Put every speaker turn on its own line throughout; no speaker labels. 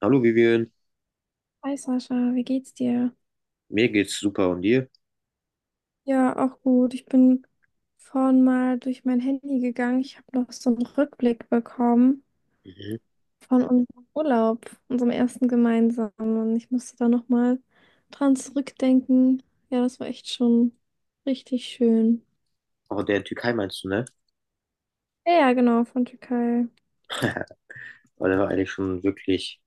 Hallo Vivian,
Hi Sascha, wie geht's dir?
mir geht's super und dir?
Ja, auch gut. Ich bin vorhin mal durch mein Handy gegangen. Ich habe noch so einen Rückblick bekommen
Mhm.
von unserem Urlaub, unserem ersten gemeinsamen. Und ich musste da nochmal dran zurückdenken. Ja, das war echt schon richtig schön.
Auch der Türkei meinst du, ne?
Ja, ja, genau, von Türkei.
Weil der war eigentlich schon wirklich,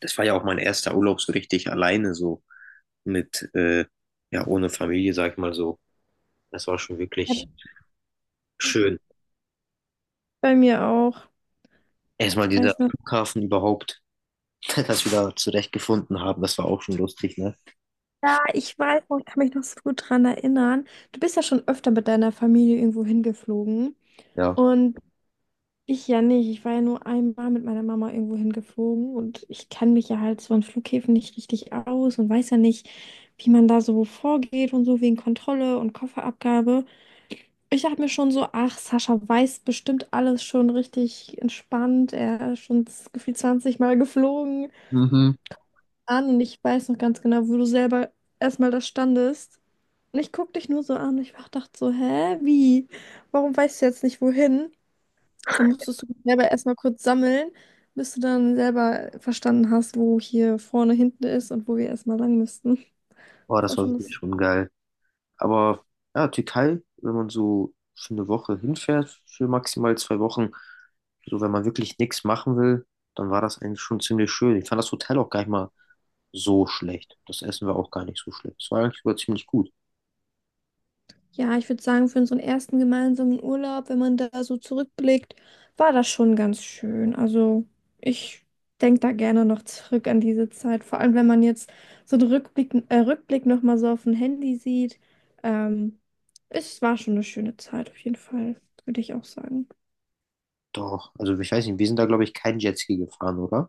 das war ja auch mein erster Urlaub so richtig alleine, so mit, ja, ohne Familie, sag ich mal so. Das war schon
Ja,
wirklich schön.
bei mir auch.
Erstmal
Ich
dieser
weiß noch.
Flughafen überhaupt, dass wir da zurechtgefunden haben, das war auch schon lustig, ne?
Ja, ich weiß noch, ich kann mich noch so gut dran erinnern. Du bist ja schon öfter mit deiner Familie irgendwo hingeflogen.
Ja.
Und ich ja nicht. Ich war ja nur einmal mit meiner Mama irgendwo hingeflogen und ich kann mich ja halt so an Flughäfen nicht richtig aus und weiß ja nicht, wie man da so vorgeht und so wegen Kontrolle und Kofferabgabe. Ich dachte mir schon so, ach, Sascha weiß bestimmt alles schon richtig entspannt. Er ist schon gefühlt 20 Mal geflogen
Mhm.
an und ich weiß noch ganz genau, wo du selber erstmal da standest. Und ich guck dich nur so an und ich dachte so, hä, wie? Warum weißt du jetzt nicht wohin? Da musstest du selber erstmal kurz sammeln, bis du dann selber verstanden hast, wo hier vorne, hinten ist und wo wir erstmal lang müssten.
Boah,
Das
das
war
war
schon
wirklich
lustig.
schon geil. Aber ja, Türkei, wenn man so für eine Woche hinfährt, für maximal zwei Wochen, so wenn man wirklich nichts machen will, dann war das eigentlich schon ziemlich schön. Ich fand das Hotel auch gar nicht mal so schlecht. Das Essen war auch gar nicht so schlecht. Es war eigentlich sogar ziemlich gut.
Ja, ich würde sagen, für unseren ersten gemeinsamen Urlaub, wenn man da so zurückblickt, war das schon ganz schön. Also ich denke da gerne noch zurück an diese Zeit. Vor allem, wenn man jetzt so einen Rückblick nochmal so auf dem Handy sieht. Ähm, Es war schon eine schöne Zeit, auf jeden Fall, würde ich auch sagen.
Doch, also ich weiß nicht, wir sind da, glaube ich, kein Jetski gefahren, oder?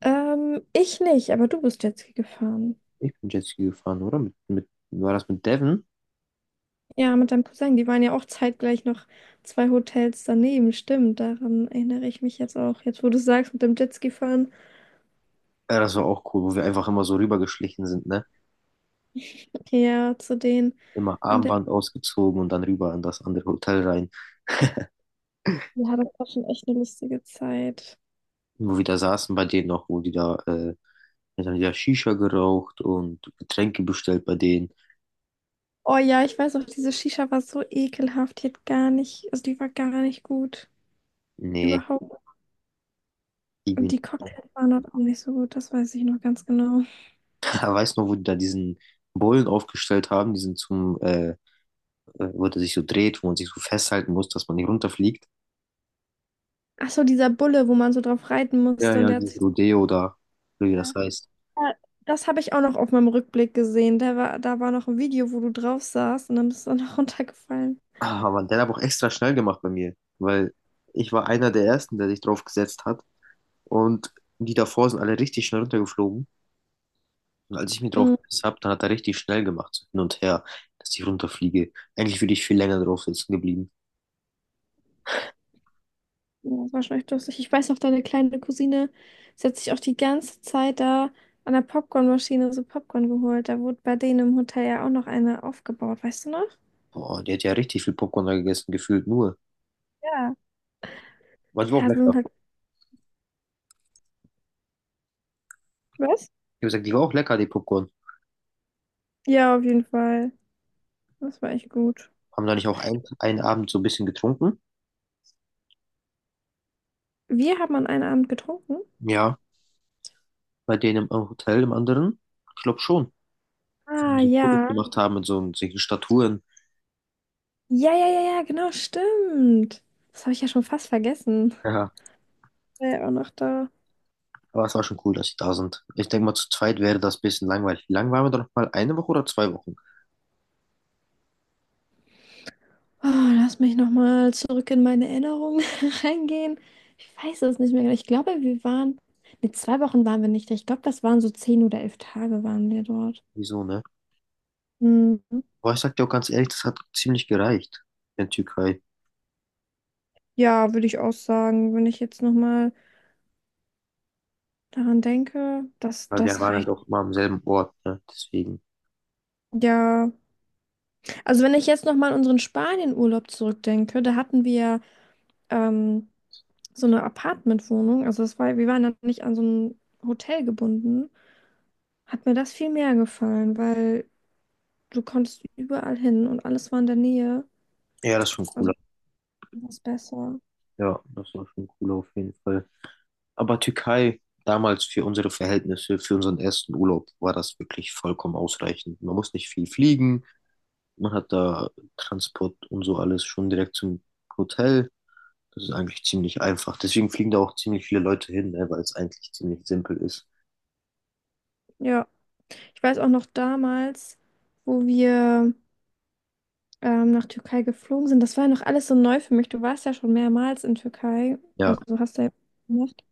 Ich nicht, aber du bist Jetski gefahren.
Ich bin Jetski gefahren, oder? War das mit Devin?
Ja, mit deinem Cousin, die waren ja auch zeitgleich noch zwei Hotels daneben, stimmt. Daran erinnere ich mich jetzt auch. Jetzt, wo du sagst, mit dem Jetski fahren.
Ja, das war auch cool, wo wir einfach immer so rübergeschlichen sind, ne?
Okay, ja, zu denen.
Immer
In der
Armband ausgezogen und dann rüber in das andere Hotel rein.
Ja, das war schon echt eine lustige Zeit.
Wo wir da saßen bei denen noch, wo die da, dann haben die da Shisha geraucht und Getränke bestellt bei denen.
Oh ja, ich weiß auch, diese Shisha war so ekelhaft. Die hat gar nicht, also die war gar nicht gut.
Nee,
Überhaupt.
irgendwie
Und die
nicht.
Cocktails waren halt auch nicht so gut, das weiß ich noch ganz genau.
Weißt du noch, wo die da diesen Bullen aufgestellt haben, diesen zum, wo der sich so dreht, wo man sich so festhalten muss, dass man nicht runterfliegt?
Ach so, dieser Bulle, wo man so drauf reiten
Ja,
musste und
ja,
der hat sich.
dieses Rodeo da, oder wie das heißt.
Ja, das habe ich auch noch auf meinem Rückblick gesehen. Da war noch ein Video, wo du drauf saßt und dann bist du dann noch runtergefallen.
Ah, Mann, der hat aber auch extra schnell gemacht bei mir, weil ich war einer der Ersten, der sich drauf gesetzt hat und die davor sind alle richtig schnell runtergeflogen. Und als ich mich drauf
Mhm.
gesetzt habe, dann hat er richtig schnell gemacht, so hin und her, dass ich runterfliege. Eigentlich würde ich viel länger drauf sitzen geblieben.
Ja, das war schon echt lustig. Ich weiß noch, deine kleine Cousine, sie hat sich auch die ganze Zeit da an der Popcornmaschine so Popcorn geholt. Da wurde bei denen im Hotel ja auch noch eine aufgebaut, weißt du noch?
Boah, die hat ja richtig viel Popcorn da gegessen, gefühlt nur.
Ja.
Aber die war auch
Ja, sie sind
lecker.
halt. Was?
Ich habe gesagt, die war auch lecker, die Popcorn.
Ja, auf jeden Fall. Das war echt gut.
Haben da nicht auch einen Abend so ein bisschen getrunken?
Wir haben an einem Abend getrunken.
Ja. Bei denen im Hotel, im anderen? Ich glaube schon. Wo wir
Ah,
so Fotos
ja.
gemacht haben mit so solchen Statuen.
Ja, ja, ja, ja, genau, stimmt. Das habe ich ja schon fast vergessen.
Ja.
War ja auch noch da.
Aber es war schon cool, dass sie da sind. Ich denke mal, zu zweit wäre das ein bisschen langweilig. Wie lang waren wir da noch mal? Eine Woche oder zwei Wochen?
Oh, lass mich nochmal zurück in meine Erinnerungen reingehen. Ich weiß es nicht mehr genau. Ich glaube, wir waren. Ne, 2 Wochen waren wir nicht da. Ich glaube, das waren so 10 oder 11 Tage waren wir dort.
Wieso, ne?
Hm.
Aber ich sag dir auch ganz ehrlich, das hat ziemlich gereicht in der Türkei.
Ja, würde ich auch sagen, wenn ich jetzt nochmal daran denke, das,
Weil wir
das
waren halt
reicht.
auch immer am selben Ort, ne? Deswegen.
Ja, also wenn ich jetzt nochmal an unseren Spanien-Urlaub zurückdenke, da hatten wir ähm, so eine Apartmentwohnung, also das war, wir waren dann nicht an so ein Hotel gebunden, hat mir das viel mehr gefallen, weil du konntest überall hin und alles war in der Nähe.
Ja, das ist schon
Also
cooler.
was besser.
Ja, das war schon cooler auf jeden Fall. Aber Türkei, damals für unsere Verhältnisse, für unseren ersten Urlaub, war das wirklich vollkommen ausreichend. Man muss nicht viel fliegen. Man hat da Transport und so alles schon direkt zum Hotel. Das ist eigentlich ziemlich einfach. Deswegen fliegen da auch ziemlich viele Leute hin, ne? Weil es eigentlich ziemlich simpel ist.
Ja, ich weiß auch noch damals, wo wir nach Türkei geflogen sind. Das war ja noch alles so neu für mich. Du warst ja schon mehrmals in Türkei.
Ja,
Also du hast ja gemacht.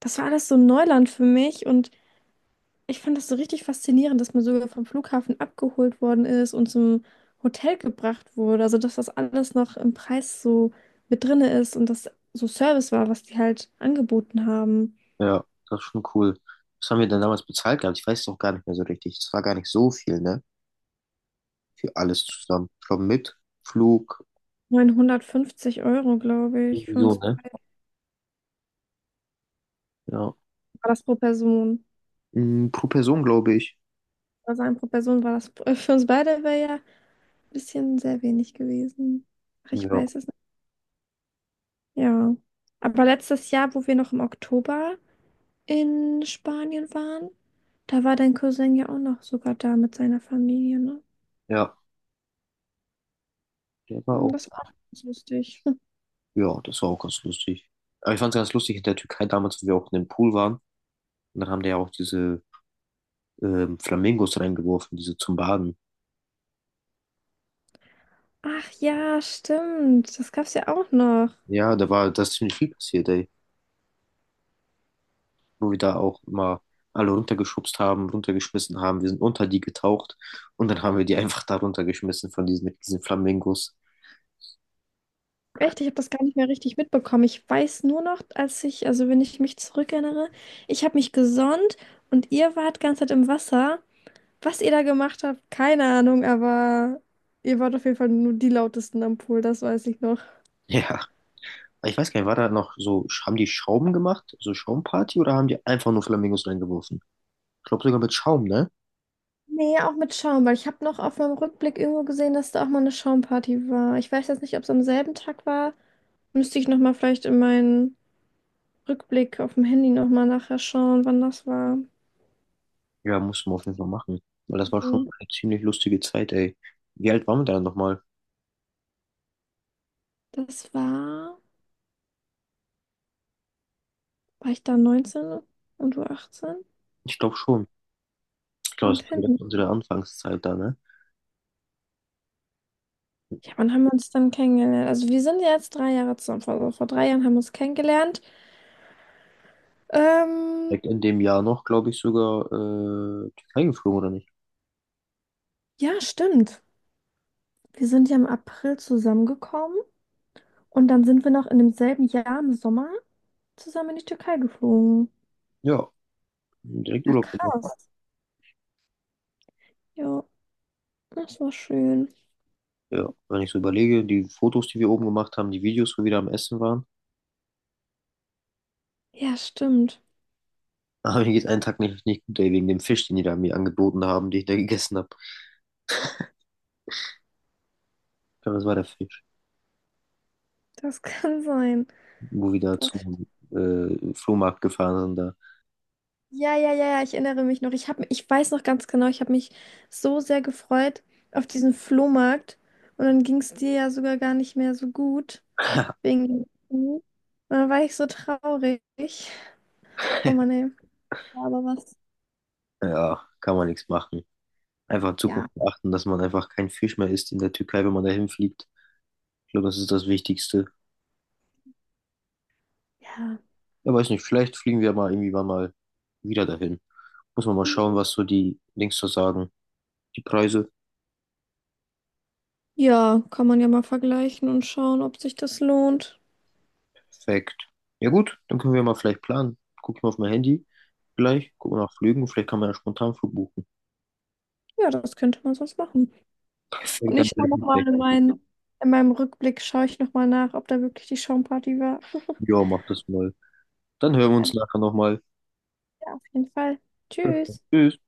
Das war alles so Neuland für mich und ich fand das so richtig faszinierend, dass man sogar vom Flughafen abgeholt worden ist und zum Hotel gebracht wurde. Also dass das alles noch im Preis so mit drinne ist und das so Service war, was die halt angeboten haben.
ja, das ist schon cool. Was haben wir denn damals bezahlt gehabt? Ich weiß es auch gar nicht mehr so richtig. Es war gar nicht so viel, ne? Für alles zusammen. Ich glaube, mit Flug,
950 Euro, glaube ich,
irgendwie
für
so,
uns
ne?
beide
Ja.
war das pro Person.
Mm, pro Person, glaube ich.
Also ein pro Person war das, für uns beide wäre ja ein bisschen sehr wenig gewesen. Ach, ich
Ja.
weiß es nicht. Ja. Aber letztes Jahr, wo wir noch im Oktober in Spanien waren, da war dein Cousin ja auch noch sogar da mit seiner Familie, ne?
Ja. Der war
Hm,
auch,
das war auch ganz lustig.
ja, das war auch ganz lustig. Aber ich fand es ganz lustig in der Türkei damals, wo wir auch in dem Pool waren. Und dann haben die ja auch diese Flamingos reingeworfen, diese zum Baden.
Ach ja, stimmt. Das gab's ja auch noch.
Ja, da war das ziemlich viel passiert, ey. Wo wir da auch immer alle runtergeschubst haben, runtergeschmissen haben. Wir sind unter die getaucht und dann haben wir die einfach da runtergeschmissen von diesen, mit diesen Flamingos.
Echt, ich habe das gar nicht mehr richtig mitbekommen. Ich weiß nur noch, als ich, also wenn ich mich zurückerinnere, ich habe mich gesonnt und ihr wart ganze Zeit im Wasser. Was ihr da gemacht habt, keine Ahnung, aber ihr wart auf jeden Fall nur die lautesten am Pool, das weiß ich noch.
Ja. Ich weiß gar nicht, war da noch so, haben die Schaum gemacht, so Schaumparty oder haben die einfach nur Flamingos reingeworfen? Ich glaube sogar mit Schaum, ne?
Nee, auch mit Schaum, weil ich habe noch auf meinem Rückblick irgendwo gesehen, dass da auch mal eine Schaumparty war. Ich weiß jetzt nicht, ob es am selben Tag war. Müsste ich nochmal vielleicht in meinen Rückblick auf dem Handy nochmal nachher schauen, wann das war.
Ja, muss man auf jeden Fall machen. Weil das war schon eine ziemlich lustige Zeit, ey. Wie alt waren wir da nochmal?
Das war. War ich da 19 und du 18.
Ich glaube schon. Ich glaube,
Am
das war
10.
direkt unsere Anfangszeit da, ne?
Ja, wann haben wir uns dann kennengelernt? Also wir sind ja jetzt 3 Jahre zusammen. Vor 3 Jahren haben wir uns kennengelernt. Ähm,
Direkt in dem Jahr noch, glaube ich, sogar Türkei geflogen, oder nicht?
ja, stimmt. Wir sind ja im April zusammengekommen und dann sind wir noch in demselben Jahr im Sommer zusammen in die Türkei geflogen.
Ja, direkt
Ja,
Urlaub gemacht.
krass. Ja, das war schön.
Ja, wenn ich so überlege, die Fotos, die wir oben gemacht haben, die Videos, wo wir da am Essen waren.
Ja, stimmt.
Aber mir geht's einen Tag nicht gut, ey, wegen dem Fisch, den die da mir angeboten haben, den ich da gegessen habe. Ich glaube, das war der Fisch.
Das kann sein.
Wo wir da
Das
zum Flohmarkt gefahren sind, da,
Ja, ja, ja, ja, ich erinnere mich noch. Ich weiß noch ganz genau, ich habe mich so sehr gefreut auf diesen Flohmarkt. Und dann ging es dir ja sogar gar nicht mehr so gut wegen dem Knie. Und dann war ich so traurig. Oh Mann, ey. Ja, aber was?
ja, kann man nichts machen. Einfach in
Ja.
Zukunft achten, dass man einfach kein Fisch mehr isst in der Türkei, wenn man dahin fliegt. Ich glaube, das ist das Wichtigste.
Ja.
Ja, weiß nicht, vielleicht fliegen wir mal irgendwie wann mal wieder dahin. Muss man mal schauen, was so die Links so sagen. Die Preise,
Ja, kann man ja mal vergleichen und schauen, ob sich das lohnt.
perfekt. Ja gut, dann können wir mal vielleicht planen. Guck ich mal auf mein Handy. Gleich, gucken nach Flügen. Vielleicht kann man ja spontan Flug buchen.
Ja, das könnte man sonst machen. Und
Perfekt, dann
ich schaue
werde ich mich gleich.
nochmal in meinen, in meinem Rückblick, schaue ich nochmal nach, ob da wirklich die Schaumparty war.
Ja, mach das mal. Dann hören wir uns nachher nochmal.
Ja, auf jeden Fall.
Perfekt.
Tschüss.
Tschüss.